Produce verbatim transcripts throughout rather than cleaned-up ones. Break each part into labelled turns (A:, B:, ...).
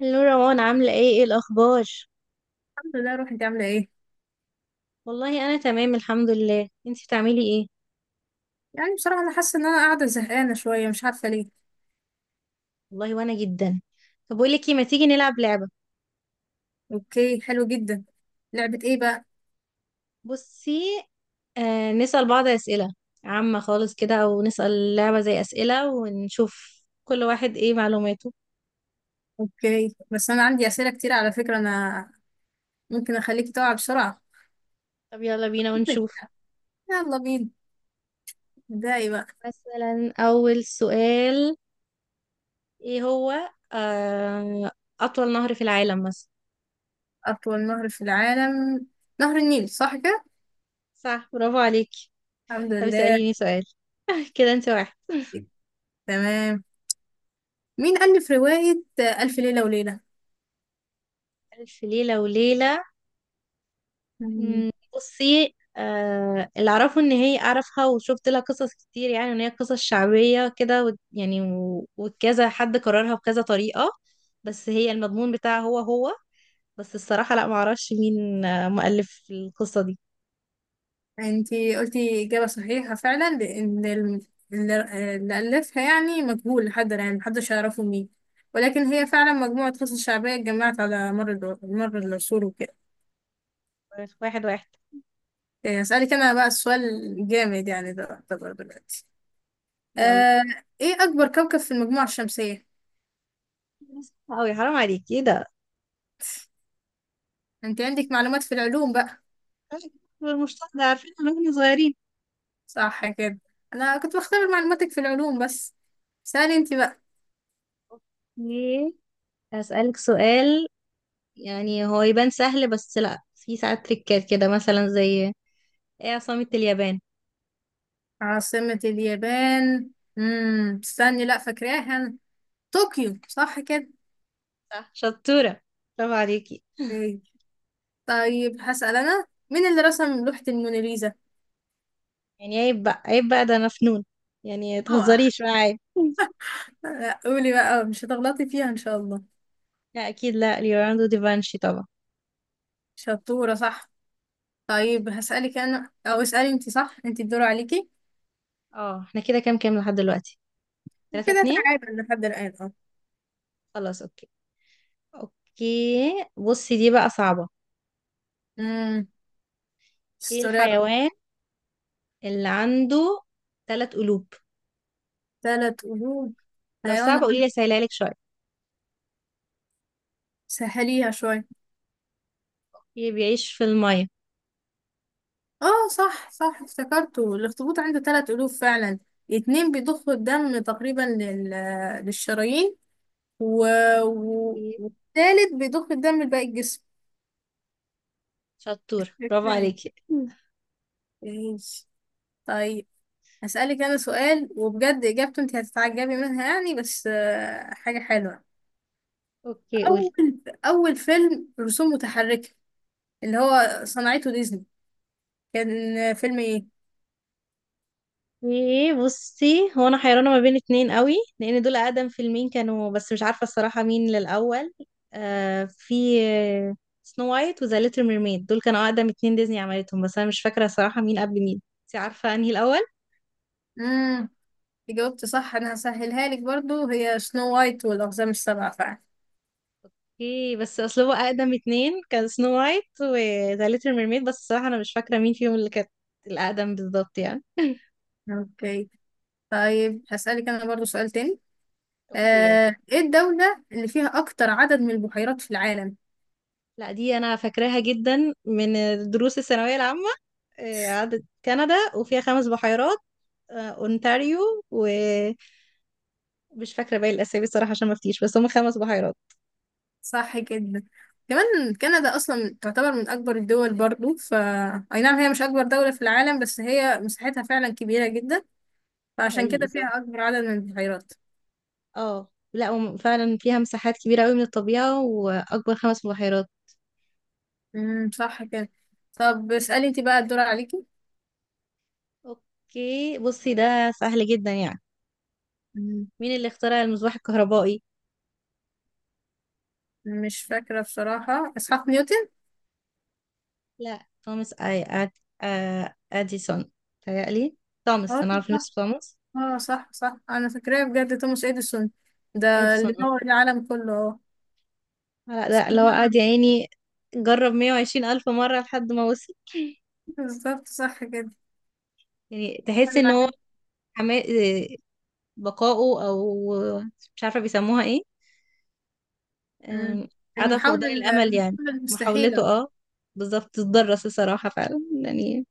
A: هلو روان عاملة ايه ايه الأخبار؟
B: الحمد لله. روح انت عامله ايه؟
A: والله أنا تمام الحمد لله انتي بتعملي ايه؟
B: يعني بصراحه انا حاسه ان انا قاعده زهقانه شويه، مش عارفه ليه.
A: والله وأنا جدا. طب بقولك ايه، ما تيجي نلعب لعبة.
B: اوكي، حلو جدا. لعبه ايه بقى؟
A: بصي، آه نسأل بعض أسئلة عامة خالص كده، أو نسأل لعبة زي أسئلة ونشوف كل واحد ايه معلوماته.
B: اوكي، بس انا عندي اسئله كتير على فكره، انا ممكن اخليكي تقع بسرعه.
A: طب يلا بينا
B: أوكي.
A: ونشوف.
B: يلا بينا، ابدأي بقى.
A: مثلا أول سؤال ايه هو، آه أطول نهر في العالم مثلا.
B: اطول نهر في العالم نهر النيل، صح كده؟
A: صح، برافو عليكي.
B: الحمد
A: طب
B: لله.
A: اسأليني سؤال كده انت واحد.
B: تمام. مين ألف رواية ألف ليلة وليلة؟
A: ألف ليلة وليلة، مم، بصي، آه اللي اعرفه ان هي اعرفها وشفت لها قصص كتير، يعني ان هي قصص شعبية كده و- يعني و- وكذا حد كررها بكذا طريقة، بس هي المضمون بتاعها هو هو. بس الصراحة لا، معرفش مين آه، مؤلف القصة دي.
B: انتي قلتي إجابة صحيحة فعلا، لأن ال- اللي اللي ألفها يعني مجهول لحد الآن، محدش يعرفه مين. ولكن هي فعلا مجموعة قصص شعبية اتجمعت على مر الو- مر العصور وكده.
A: واحد واحد.
B: إيه، أسألك أنا بقى السؤال. جامد يعني، ده يعتبر دلوقتي.
A: يلا.
B: آه، إيه أكبر كوكب في المجموعة الشمسية؟
A: اوي حرام عليكي، ايه ده؟
B: أنت عندك معلومات في العلوم بقى.
A: المشتاق ده عارفين من واحنا صغيرين.
B: صح كده؟ أنا كنت بختبر معلوماتك في العلوم بس. سألي أنت بقى.
A: اوكي، هسألك سؤال يعني هو يبان سهل، بس لا، في ساعات تريكات كده مثلا، زي ايه عاصمة اليابان.
B: عاصمة اليابان. امم استني، لا فاكراها. طوكيو، صح كده؟
A: صح، شطورة، برافو عليكي.
B: ايه. طيب هسأل أنا: مين اللي رسم لوحة الموناليزا؟
A: يعني عيب بقى، عيب بقى، ده أنا فنون، يعني
B: اوعى.
A: متهزريش معايا
B: لا، قولي بقى، مش هتغلطي فيها إن شاء الله.
A: لا أكيد لا، ليوناردو دافنشي طبعا.
B: شطورة، صح. طيب هسألك أنا أو اسألي أنت، صح، أنت الدور عليكي.
A: اه احنا كده كام كام لحد دلوقتي؟ تلاتة
B: كده
A: اتنين
B: تعادل لحد الآن، اه.
A: خلاص اوكي. اوكي بصي، دي بقى صعبة.
B: امم
A: ايه
B: استوريات.
A: الحيوان اللي عنده تلات قلوب؟
B: ثلاث قلوب.
A: لو
B: حيوان
A: صعبة قولي
B: عنده.
A: لي، سهلها لك شوية.
B: سهليها شوية.
A: ايه بيعيش في المية.
B: اه، صح صح، افتكرته. الأخطبوط عنده ثلاث قلوب فعلا. اتنين بيضخوا الدم تقريبا لل... للشرايين، و... و...
A: إيه؟
B: والتالت بيضخ الدم لباقي الجسم.
A: شطورة، برافو
B: ازاي؟
A: عليكي
B: ماشي. طيب هسألك أنا سؤال، وبجد إجابته أنت هتتعجبي منها يعني، بس آه، حاجة حلوة.
A: اوكي قولي.
B: أول أول فيلم رسوم متحركة اللي هو صنعته ديزني كان فيلم إيه؟
A: ايه بصي، هو انا حيرانه ما بين اتنين قوي لان دول اقدم فيلمين كانوا، بس مش عارفه الصراحه مين للاول. آه في سنو وايت وذا ليتل ميرميد، دول كانوا اقدم اتنين ديزني عملتهم، بس انا مش فاكره الصراحه مين قبل مين. انت عارفه انهي الاول؟
B: مم. جاوبت صح. أنا هسهلها لك برضو، هي سنو وايت والأقزام السبعة فعلا.
A: ايه، بس اصل هو اقدم اتنين كان سنو وايت وذا ليتل ميرميد، بس الصراحه انا مش فاكره مين فيهم اللي كانت الاقدم بالظبط يعني.
B: أوكي. طيب هسألك أنا برضو سؤال تاني.
A: اوكي يلا.
B: آه، إيه الدولة اللي فيها أكتر عدد من البحيرات في العالم؟
A: لا دي انا فاكراها جدا من دروس الثانويه العامه. آه، عدت كندا وفيها خمس بحيرات، آه، اونتاريو، ومش فاكره باقي الاسامي الصراحه عشان ما افتيش، بس هم خمس بحيرات.
B: صح جدا. كمان كندا اصلا تعتبر من اكبر الدول برضو. ف اي نعم، هي مش اكبر دولة في العالم، بس هي مساحتها فعلا كبيرة جدا،
A: ده
B: فعشان
A: حقيقي
B: كده
A: صح.
B: فيها اكبر عدد من البحيرات.
A: اه لا هم فعلا فيها مساحات كبيره قوي من الطبيعه واكبر خمس بحيرات.
B: امم صح كده. طب اسألي انت بقى، الدور عليكي.
A: اوكي بصي، ده سهل جدا يعني.
B: مم،
A: مين اللي اخترع المصباح الكهربائي؟
B: مش فاكرة بصراحة. اسحاق نيوتن.
A: لا توماس اي أد... آه، اديسون. تهيألي توماس،
B: اه،
A: انا عارفه
B: صح.
A: نفسي توماس
B: اه، صح صح، انا فاكراه بجد. توماس اديسون. ده
A: اديسون.
B: اللي
A: اه
B: نور العالم كله، اه.
A: لا ده لو قعد يا عيني جرب مية وعشرين ألف مرة لحد ما وصل.
B: بالظبط، صح كده.
A: يعني تحس ان هو
B: العالم.
A: حما- آه، بقاؤه، او مش عارفة بيسموها ايه،
B: مم.
A: آم، عدم
B: المحاولة
A: فقدان الامل يعني،
B: المحاولة
A: محاولته
B: المستحيلة.
A: اه. بالظبط تتدرس الصراحة فعلا يعني،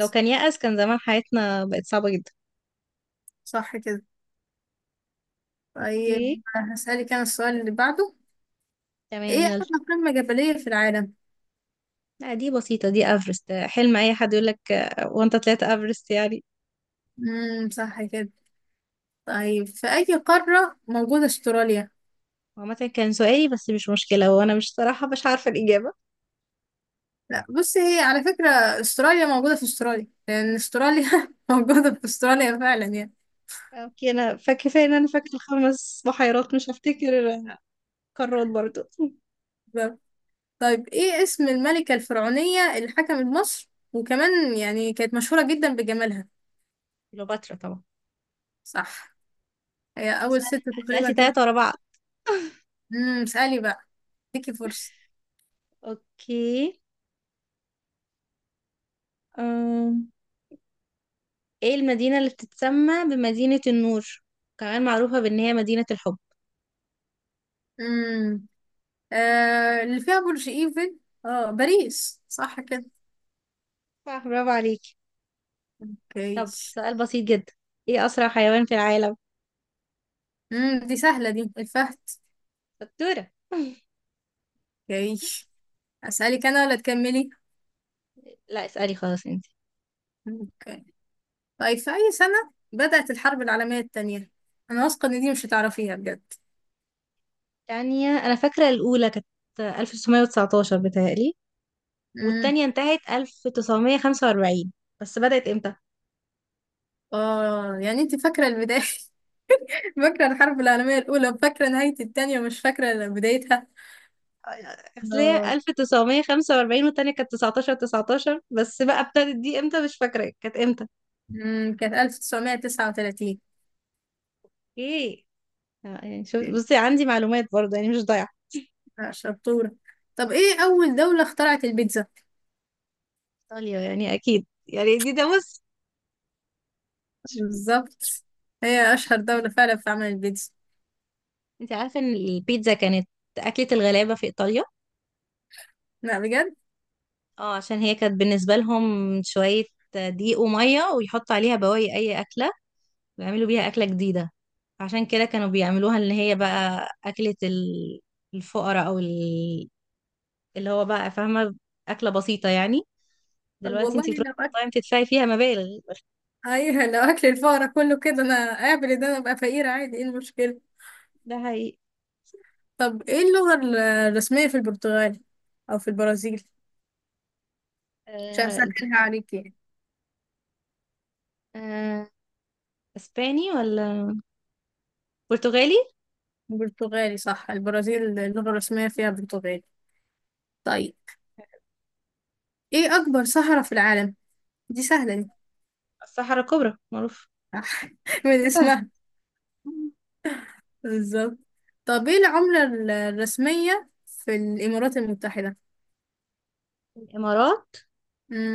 A: لو كان يأس كان زمان حياتنا بقت صعبة جدا.
B: صح كده.
A: اوكي.
B: طيب هسألك أنا السؤال اللي بعده: إيه
A: تمام يلا.
B: أعلى قمة جبلية في العالم؟
A: لا دي بسيطة، دي افرست. حلم اي حد يقولك آه، وانت طلعت افرست يعني.
B: امم صح كده. طيب في أي قارة موجودة أستراليا؟
A: عامة كان سؤالي، بس مش مشكلة، وانا مش، صراحة مش عارفة الإجابة.
B: لا، بصي، هي على فكرة أستراليا موجودة في أستراليا، لأن أستراليا موجودة في أستراليا فعلا يعني.
A: اوكي انا فاكرة، ان انا فاكرة الخمس بحيرات، مش هفتكر قارات برضو
B: بالظبط. طيب إيه اسم الملكة الفرعونية اللي حكمت مصر، وكمان يعني كانت مشهورة جدا بجمالها؟
A: كليوباترا طبعا.
B: صح. هي أول ست
A: أسأل-
B: تقريبا
A: سألتي تلاتة ورا
B: تنحت.
A: بعض.
B: امم اسألي بقى، اديكي فرصة.
A: اوكي. أم. ايه المدينة اللي بتتسمى بمدينة النور، كمان معروفة بان هي مدينة الحب؟
B: امم آه، اللي فيها برج ايفل، اه، باريس، صح كده؟
A: صح، برافو عليكي.
B: اوكي.
A: طب سؤال بسيط جدا، ايه اسرع حيوان في العالم؟
B: امم دي سهلة دي، الفهد.
A: شطورة
B: اوكي، اسألك انا ولا تكملي؟
A: لا اسألي خلاص انت.
B: اوكي. طيب في اي سنة بدأت الحرب العالمية التانية؟ انا واثقة ان دي مش هتعرفيها بجد.
A: تانية، انا فاكرة الاولى كانت ألف وتسعمئة وتسعة عشر بتهيألي،
B: امم
A: والتانية انتهت ألف وتسعمية وخمسة وأربعين، بس بدأت امتى؟
B: اه، يعني انت فاكرة البداية. فاكرة الحرب العالمية الاولى، وفاكرة نهاية التانية، ومش فاكرة بدايتها.
A: اصل هي
B: اه،
A: ألف وتسعمية وخمسة وأربعين، والتانية كانت تسعة عشر تسعتاشر، بس بقى ابتدت دي امتى مش فاكرة كانت امتى.
B: امم كانت ألف تسعمية تسعة وتلاتين.
A: ايه، آه، يعني شوف،
B: اوكي.
A: بصي عندي معلومات برضه يعني، مش ضايعة.
B: آه، شطورة. طب ايه اول دولة اخترعت البيتزا؟
A: ايطاليا يعني اكيد يعني، دي ده بص.
B: بالظبط، هي أشهر دولة فعلا في عمل البيتزا.
A: انت عارفة ان البيتزا كانت اكلة الغلابة في ايطاليا.
B: لا، بجد؟
A: اه عشان هي كانت بالنسبة لهم شوية دقيق ومية، ويحطوا عليها بواقي اي اكلة، ويعملوا بيها اكلة جديدة. عشان كده كانوا بيعملوها، ان هي بقى اكلة ال- الفقراء، او ال- اللي هو بقى فاهمة، اكلة بسيطة يعني.
B: طب
A: دلوقتي
B: والله
A: انت بتروحي
B: لو أكل
A: المطاعم تدفعي فيها مبالغ.
B: أيوة، لو أكل الفقراء كله كده أنا أقابل، ده أنا أبقى فقيرة عادي، إيه المشكلة؟
A: ده حقيقي.
B: طب إيه اللغة ال- الرسمية في البرتغال، أو في البرازيل عشان أسهلها عليك يعني؟
A: آه، اسباني ولا برتغالي.
B: برتغالي، صح. البرازيل اللغة الرسمية فيها برتغالي. طيب إيه أكبر صحراء في العالم؟ دي سهلة دي.
A: الصحراء الكبرى معروف.
B: صح، من
A: دي سهلة.
B: اسمها. بالظبط. طب إيه العملة ال- الرسمية في الإمارات المتحدة؟
A: الامارات،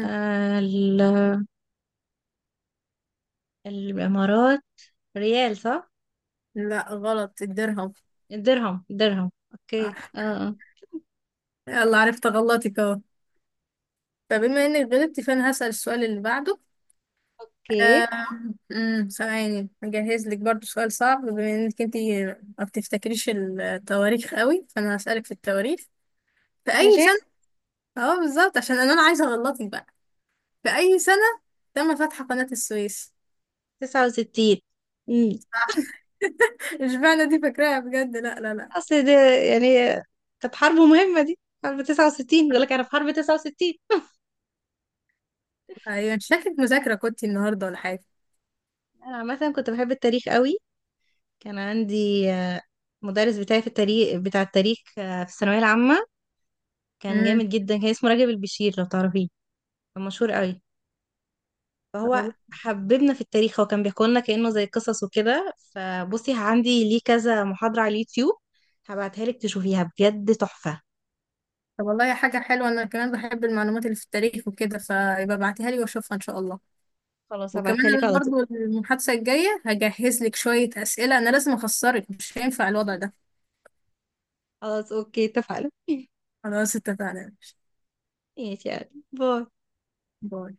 A: آه ال- الامارات، ريال صح؟
B: لا، غلط. الدرهم.
A: الدرهم، الدرهم، اوكي اه
B: صح.
A: آه.
B: يلا، عرفت غلطك اهو، فبما انك غلطتي فانا هسأل السؤال اللي بعده.
A: اوكي.
B: آم، أمم، ثواني، هجهز لك برضو سؤال صعب، بما انك انت ما بتفتكريش التواريخ قوي، فانا هسألك في التواريخ. في
A: يا
B: اي
A: شيخ.
B: سنة اه، بالظبط، عشان انا أنا عايزة اغلطك بقى. في اي سنة تم فتح قناة السويس؟
A: تسعة وستين. امم.
B: اشمعنى دي فاكراها بجد؟ لا، لا، لا.
A: اصل ده يعني، كانت حرب مهمة، دي حرب تسعة وستين، يقول لك انا في حرب تسعة وستين.
B: ايوه، شكلك مذاكرة كنتي النهاردة ولا حاجة.
A: انا عامة كنت بحب التاريخ قوي. كان عندي آه، مدرس بتاعي في التاريخ بتاع التاريخ آه، في الثانوية العامة. كان
B: امم
A: جامد جدا، كان اسمه راجب البشير، لو تعرفيه، مشهور قوي. فهو حببنا في التاريخ، هو كان بيحكي لنا كأنه زي قصص وكده. فبصي، عندي ليه كذا محاضرة على اليوتيوب، هبعتها لك تشوفيها بجد تحفة.
B: طب والله، حاجة حلوة. أنا كمان بحب المعلومات اللي في التاريخ وكده، فيبقى ابعتيها لي وأشوفها إن شاء الله.
A: خلاص
B: وكمان
A: هبعتها لك على
B: أنا
A: طول.
B: برضو المحادثة الجاية هجهز لك شوية أسئلة. أنا لازم أخسرك، مش هينفع الوضع ده.
A: خلاص اوكي، اتفقنا
B: خلاص اتفقنا.
A: ماشي يعني، باي.
B: باي.